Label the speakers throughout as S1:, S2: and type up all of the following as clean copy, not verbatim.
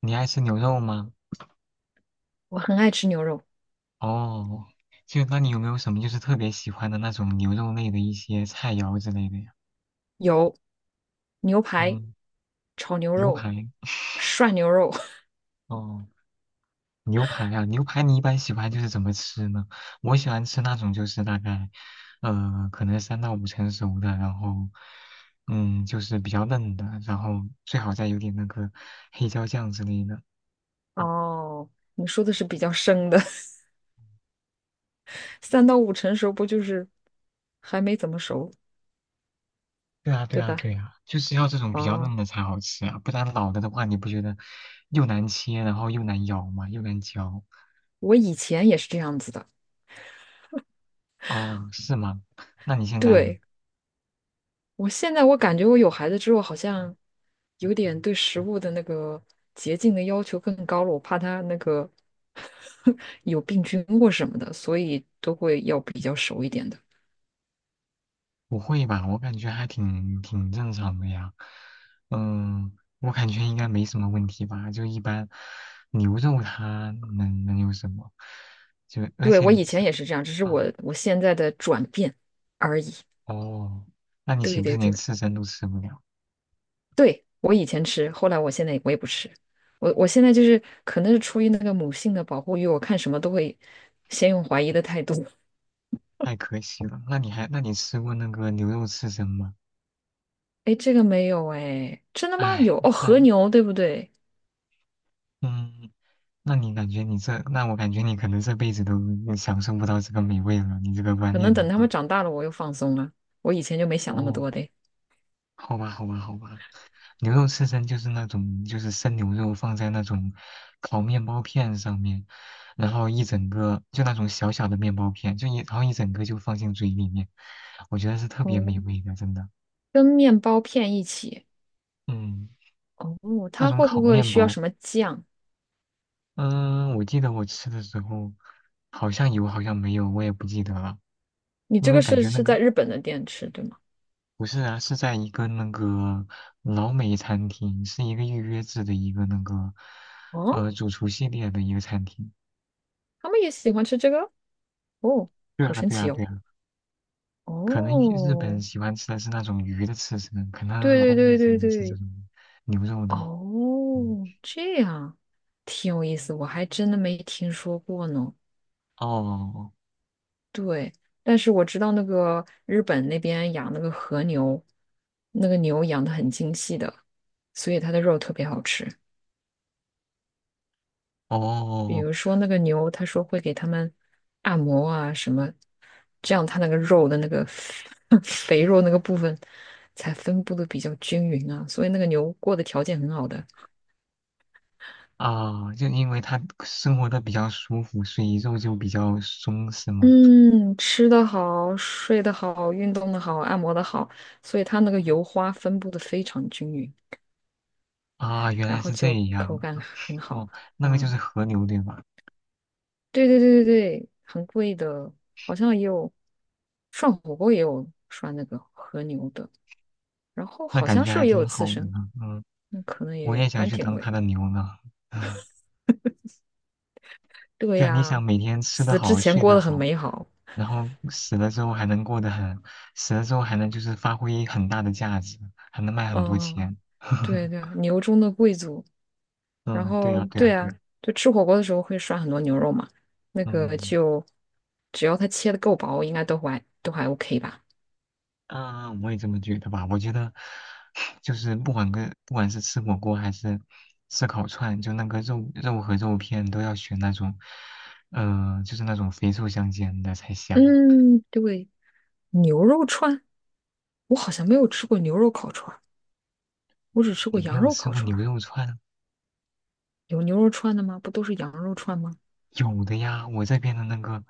S1: 你爱吃牛肉吗？
S2: 我很爱吃牛肉，
S1: 哦，那你有没有什么就是特别喜欢的那种牛肉类的一些菜肴之类的呀？
S2: 有牛排、
S1: 嗯，
S2: 炒牛
S1: 牛
S2: 肉、
S1: 排。
S2: 涮牛肉。
S1: 哦，牛排啊，牛排你一般喜欢就是怎么吃呢？我喜欢吃那种就是大概，可能三到五成熟的，然后，嗯，就是比较嫩的，然后最好再有点那个黑椒酱之类的。
S2: 哦，你说的是比较生的，三到五成熟不就是还没怎么熟，
S1: 对啊，对
S2: 对
S1: 啊，
S2: 吧？
S1: 对啊，就是要这种比较
S2: 哦，
S1: 嫩的才好吃啊，不然老了的话，你不觉得又难切，然后又难咬嘛，又难嚼。
S2: 我以前也是这样子的。
S1: 哦，是吗？那你现在呢？
S2: 对，我现在我感觉我有孩子之后，好像有点对食物的那个洁净的要求更高了，我怕他那个 有病菌或什么的，所以都会要比较熟一点的。
S1: 不会吧？我感觉还挺正常的呀。嗯，我感觉应该没什么问题吧。就一般牛肉它能有什么？就而
S2: 对，
S1: 且
S2: 我
S1: 你
S2: 以
S1: 吃
S2: 前也是这样，只是
S1: 啊，
S2: 我现在的转变而已。
S1: 哦，那你岂
S2: 对
S1: 不是
S2: 对
S1: 连
S2: 对
S1: 刺身都吃不了？
S2: 对，我以前吃，后来我现在我也不吃。我现在就是可能是出于那个母性的保护欲，我看什么都会先用怀疑的态度。
S1: 太可惜了。那你吃过那个牛肉刺身吗？
S2: 哎，这个没有哎，真的吗？
S1: 唉，
S2: 有哦，
S1: 那
S2: 和牛对不对？
S1: 嗯，那我感觉你可能这辈子都享受不到这个美味了。你这个观
S2: 可能
S1: 念的
S2: 等他们
S1: 话，
S2: 长大了，我又放松了。我以前就没想那么
S1: 哦，
S2: 多的。
S1: 好吧，好吧，好吧。牛肉刺身就是那种，就是生牛肉放在那种烤面包片上面，然后一整个就那种小小的面包片，然后一整个就放进嘴里面，我觉得是特别
S2: 哦，
S1: 美味的，真的。
S2: 跟面包片一起。
S1: 嗯，
S2: 哦，
S1: 那
S2: 它
S1: 种
S2: 会
S1: 烤
S2: 不会
S1: 面
S2: 需要
S1: 包，
S2: 什么酱？
S1: 嗯，我记得我吃的时候好像有，好像没有，我也不记得了，
S2: 你
S1: 因
S2: 这
S1: 为
S2: 个
S1: 感
S2: 是
S1: 觉那
S2: 是
S1: 个
S2: 在日本的店吃，对吗？
S1: 不是啊，是在一个那个老美餐厅，是一个预约制的一个那个
S2: 哦，
S1: 主厨系列的一个餐厅。
S2: 他们也喜欢吃这个？哦，
S1: 对
S2: 好
S1: 啊，
S2: 神
S1: 对啊，
S2: 奇哦！
S1: 对啊，可能日本
S2: 哦，
S1: 喜欢吃的是那种鱼的刺身，可能老
S2: 对对
S1: 美
S2: 对
S1: 喜
S2: 对
S1: 欢吃这
S2: 对，
S1: 种牛肉的。嗯，
S2: 哦，这样挺有意思，我还真的没听说过呢。
S1: 哦
S2: 对，但是我知道那个日本那边养那个和牛，那个牛养的很精细的，所以它的肉特别好吃。比
S1: 哦
S2: 如说那个牛，他说会给他们按摩啊什么，这样它那个肉的那个 肥肉那个部分才分布的比较均匀啊，所以那个牛过的条件很好的。
S1: 啊，就因为他生活的比较舒服，所以肉就比较松，是吗？
S2: 嗯，吃的好，睡得好，运动的好，按摩的好，所以它那个油花分布的非常均匀，
S1: 啊，原
S2: 然
S1: 来
S2: 后
S1: 是这
S2: 就
S1: 样
S2: 口感
S1: 啊。
S2: 很好
S1: 哦，那个
S2: 啊。
S1: 就是和牛，对吧？
S2: 对对对对对，很贵的，好像也有涮火锅也有涮那个和牛的。然后
S1: 那
S2: 好
S1: 感
S2: 像
S1: 觉
S2: 是不
S1: 还
S2: 是也有
S1: 挺
S2: 刺
S1: 好的
S2: 身？
S1: 呢。嗯。
S2: 那可能也
S1: 我
S2: 有，
S1: 也想
S2: 反正
S1: 去
S2: 挺
S1: 当他
S2: 贵。
S1: 的牛呢。
S2: 对
S1: 对啊，你想
S2: 呀，
S1: 每天吃得
S2: 死之
S1: 好，
S2: 前
S1: 睡
S2: 过
S1: 得
S2: 得很
S1: 好，
S2: 美好。
S1: 然后死了之后还能过得很，死了之后还能就是发挥很大的价值，还能卖很多
S2: 嗯，
S1: 钱。
S2: 对对，牛中的贵族。然
S1: 嗯，对
S2: 后
S1: 啊，对啊，
S2: 对
S1: 对
S2: 啊，
S1: 啊，
S2: 就吃火锅的时候会涮很多牛肉嘛，那个
S1: 嗯
S2: 就只要它切的够薄，应该都还 OK 吧。
S1: 啊，我也这么觉得吧。我觉得就是不管是吃火锅还是吃烤串，就那个肉片都要选那种，就是那种肥瘦相间的才香。
S2: 嗯，对，牛肉串，我好像没有吃过牛肉烤串儿，我只吃过
S1: 你没
S2: 羊
S1: 有
S2: 肉
S1: 吃
S2: 烤
S1: 过
S2: 串
S1: 牛
S2: 儿。
S1: 肉串？
S2: 有牛肉串的吗？不都是羊肉串吗？
S1: 有的呀，我这边的那个，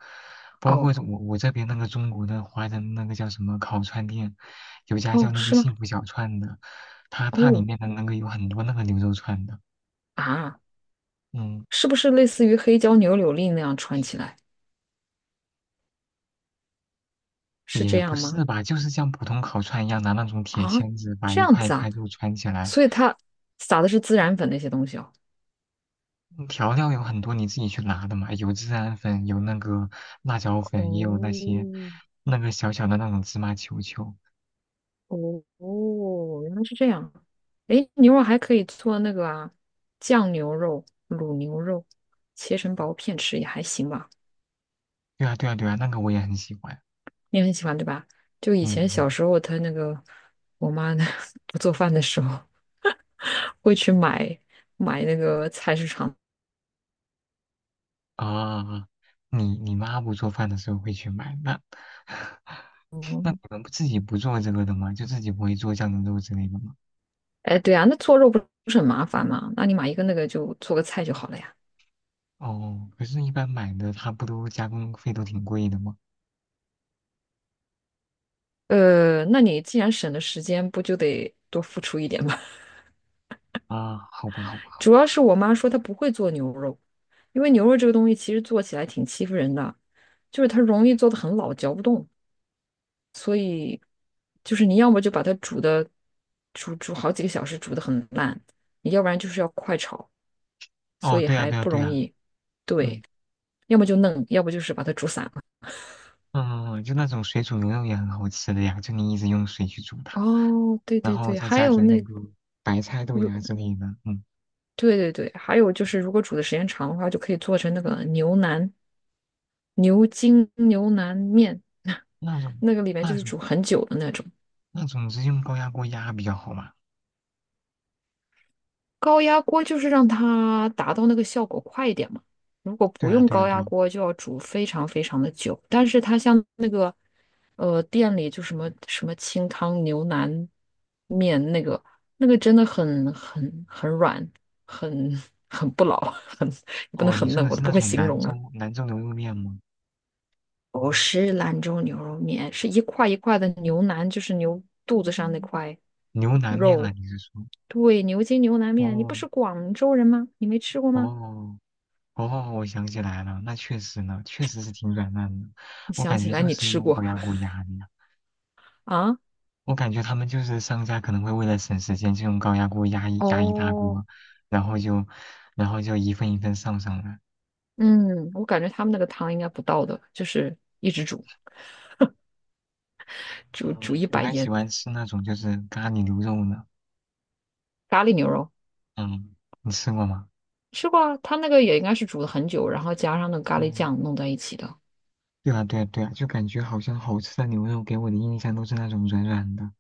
S1: 包括
S2: 哦
S1: 我这边那个中国的华人那个叫什么烤串店，有家叫
S2: 哦，
S1: 那个
S2: 是吗？
S1: 幸福小串的，它里
S2: 哦
S1: 面的那个有很多那个牛肉串的，
S2: 啊。
S1: 嗯，
S2: 是不是类似于黑椒牛柳粒那样穿起来？是这
S1: 也不
S2: 样
S1: 是
S2: 吗？
S1: 吧，就是像普通烤串一样，拿那种铁
S2: 啊，
S1: 签子把
S2: 这
S1: 一
S2: 样
S1: 块一
S2: 子
S1: 块
S2: 啊，
S1: 肉串起来，
S2: 所以它撒的是孜然粉那些东西哦。
S1: 嗯调料有很多你自己去拿的嘛，有孜然粉，有那个辣椒粉，也有那
S2: 哦
S1: 些那个小小的那种芝麻球球，
S2: 哦哦，原来是这样。诶，牛肉还可以做那个啊，酱牛肉、卤牛肉，切成薄片吃也还行吧。
S1: 对啊对啊对啊，那个我也很喜欢，
S2: 你很喜欢对吧？就以前
S1: 嗯。
S2: 小时候，他那个我妈呢 不做饭的时候，会去买那个菜市场。
S1: 啊，你你妈不做饭的时候会去买，那 那你们不自己不做这个的吗？就自己不会做酱牛肉之类的吗？
S2: 哎，对啊，那做肉不是很麻烦吗？那你买一个那个就做个菜就好了呀。
S1: 哦，可是，一般买的它不都加工费都挺贵的吗？
S2: 那你既然省了时间，不就得多付出一点吗？
S1: 啊，好吧，好吧。
S2: 主要是我妈说她不会做牛肉，因为牛肉这个东西其实做起来挺欺负人的，就是它容易做的很老，嚼不动，所以就是你要么就把它煮煮好几个小时，煮的很烂，你要不然就是要快炒，所
S1: 哦，
S2: 以
S1: 对啊，
S2: 还
S1: 对啊，
S2: 不
S1: 对
S2: 容
S1: 啊。
S2: 易。对，
S1: 嗯
S2: 要么就嫩，要不就是把它煮散了。
S1: 嗯，嗯就那种水煮牛肉也很好吃的呀，就你一直用水去煮它，
S2: 哦，对
S1: 然
S2: 对
S1: 后
S2: 对，
S1: 再
S2: 还
S1: 加
S2: 有
S1: 点那
S2: 那。
S1: 个白菜、豆芽
S2: 如
S1: 之类的。嗯，
S2: 对对对，还有就是，如果煮的时间长的话，就可以做成那个牛腩、牛筋牛腩面，
S1: 那种
S2: 那个里面就
S1: 那
S2: 是
S1: 种
S2: 煮很久的那种。
S1: 那种是用高压锅压比较好嘛？
S2: 高压锅就是让它达到那个效果快一点嘛。如果
S1: 对
S2: 不
S1: 啊，
S2: 用
S1: 对啊，
S2: 高
S1: 对
S2: 压
S1: 啊。
S2: 锅，就要煮非常非常的久。但是它像那个店里就什么清汤牛腩面那个那个真的很软，很 很不老，很也不能
S1: 哦，你
S2: 很
S1: 说
S2: 嫩，
S1: 的
S2: 我
S1: 是
S2: 都不
S1: 那
S2: 会
S1: 种
S2: 形
S1: 兰
S2: 容
S1: 州
S2: 了。
S1: 兰州牛肉面吗？
S2: 不是兰州牛肉面，是一块一块的牛腩，就是牛肚子上那块
S1: 牛腩面啊，
S2: 肉。
S1: 你是说？
S2: 对，牛筋牛腩面，你不
S1: 哦
S2: 是广州人吗？你没吃过吗？
S1: 哦哦，我想起来了，那确实呢，确实是挺软烂的。
S2: 你
S1: 我
S2: 想
S1: 感
S2: 起
S1: 觉
S2: 来
S1: 就
S2: 你
S1: 是
S2: 吃
S1: 用
S2: 过
S1: 高压锅压的呀。
S2: 啊？
S1: 我感觉他们就是商家可能会为了省时间，就用高压锅压一大
S2: 哦，
S1: 锅，然后就一份一份上来。
S2: 嗯，我感觉他们那个汤应该不倒的，就是一直煮，煮
S1: 嗯，
S2: 一
S1: 我
S2: 百
S1: 还喜
S2: 年。
S1: 欢吃那种就是咖喱牛肉呢。
S2: 咖喱牛肉
S1: 嗯，你吃过吗？
S2: 吃过啊，他那个也应该是煮了很久，然后加上那个咖喱
S1: 哦，
S2: 酱弄在一起的。
S1: 对啊对啊对啊，就感觉好像好吃的牛肉给我的印象都是那种软软的，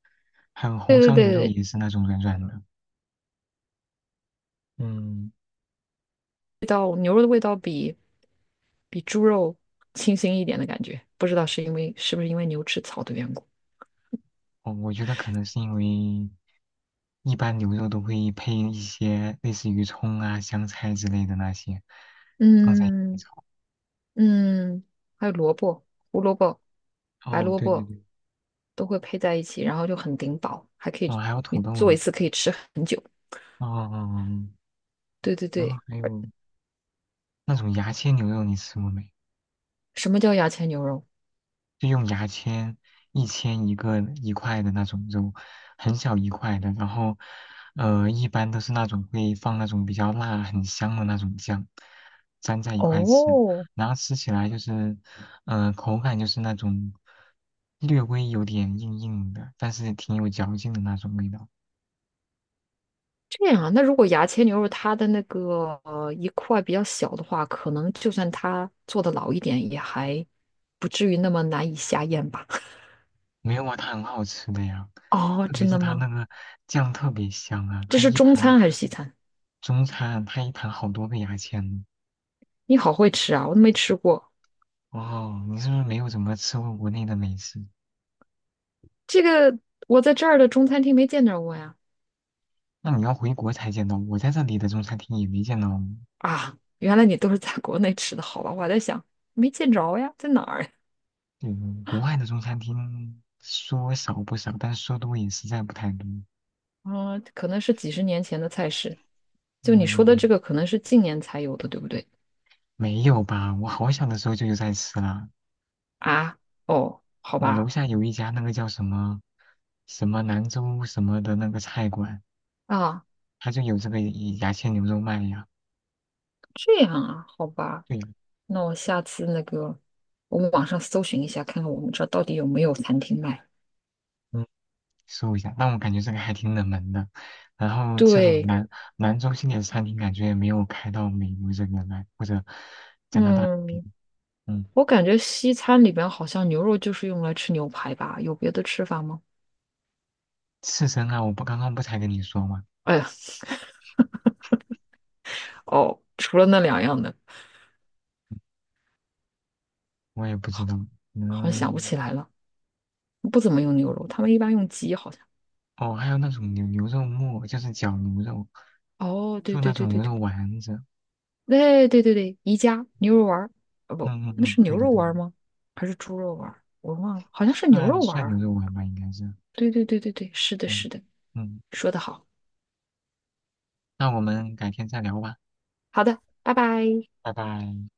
S1: 还有
S2: 对
S1: 红
S2: 对
S1: 烧牛肉
S2: 对对，
S1: 也是那种软软的。嗯，
S2: 味道牛肉的味道比猪肉清新一点的感觉。不知道是因为是不是因为牛吃草的缘故。
S1: 我觉得可能是因为一般牛肉都会配一些类似于葱啊、香菜之类的那些，放在一起
S2: 嗯
S1: 炒。
S2: 嗯，还有萝卜、胡萝卜、白
S1: 哦，
S2: 萝
S1: 对对
S2: 卜
S1: 对，
S2: 都会配在一起，然后就很顶饱，还可
S1: 哦，
S2: 以。
S1: 还有土
S2: 你
S1: 豆
S2: 做一
S1: 呢。
S2: 次可以吃很久。
S1: 哦，哦哦哦
S2: 对对
S1: 然后
S2: 对，
S1: 还有那种牙签牛肉，你吃过没？
S2: 什么叫牙签牛肉？
S1: 就用牙签一签一个一块的那种肉，很小一块的，然后一般都是那种会放那种比较辣很香的那种酱，粘在一块吃，
S2: 哦，
S1: 然后吃起来就是口感就是那种略微有点硬硬的，但是挺有嚼劲的那种味道。
S2: 这样啊。那如果牙签牛肉它的那个一块比较小的话，可能就算它做的老一点，也还不至于那么难以下咽吧？
S1: 没有啊，它很好吃的呀，
S2: 哦，
S1: 特别
S2: 真
S1: 是
S2: 的
S1: 它
S2: 吗？
S1: 那个酱特别香啊，
S2: 这
S1: 它
S2: 是
S1: 一
S2: 中
S1: 盘
S2: 餐还是西餐？
S1: 中餐它一盘好多个牙签呢。
S2: 你好会吃啊，我都没吃过。
S1: 哦，你是不是没有怎么吃过国内的美食？
S2: 这个我在这儿的中餐厅没见着过呀。
S1: 那你要回国才见到，我在这里的中餐厅也没见到哦。
S2: 啊，原来你都是在国内吃的，好吧？我还在想，没见着呀，在哪儿。
S1: 嗯，国外的中餐厅说少不少，但说多也实在不太多。
S2: 嗯，啊可能是几十年前的菜式。就你
S1: 嗯，
S2: 说的这个，可能是近年才有的，对不对？
S1: 没有吧？我好小的时候就有在吃了。
S2: 啊，哦，好
S1: 我楼
S2: 吧，
S1: 下有一家那个叫什么什么兰州什么的那个菜馆，
S2: 啊，
S1: 它就有这个牙签牛肉卖呀。
S2: 这样啊，好吧。
S1: 对呀。
S2: 那我下次那个，我们网上搜寻一下，看看我们这儿到底有没有餐厅卖。
S1: 搜一下。但我感觉这个还挺冷门的，然后这种
S2: 对，
S1: 南中心点餐厅感觉也没有开到美国这边来，或者加拿大这边
S2: 嗯。
S1: 嗯，
S2: 我感觉西餐里边好像牛肉就是用来吃牛排吧，有别的吃法吗？
S1: 刺身啊，我不刚刚不才跟你说吗？
S2: 哎呀，哦，除了那两样的，
S1: 我也不知道。
S2: 好像想不
S1: 嗯，
S2: 起来了。不怎么用牛肉，他们一般用鸡，好像。
S1: 哦，还有那种牛肉末，就是绞牛肉，
S2: 哦，对
S1: 做那
S2: 对对
S1: 种
S2: 对
S1: 牛
S2: 对，
S1: 肉丸子。
S2: 对对对对，宜家牛肉丸儿，啊不，
S1: 嗯嗯
S2: 那
S1: 嗯，
S2: 是
S1: 对
S2: 牛
S1: 的
S2: 肉
S1: 对的，
S2: 丸儿吗？还是猪肉丸儿？我忘了，好像是牛
S1: 涮
S2: 肉丸
S1: 涮牛
S2: 儿。
S1: 肉丸吧，应该是。
S2: 对对对对对，是的，
S1: 嗯
S2: 是的，
S1: 嗯，
S2: 说得好。
S1: 那我们改天再聊吧，
S2: 好的，拜拜。
S1: 拜拜。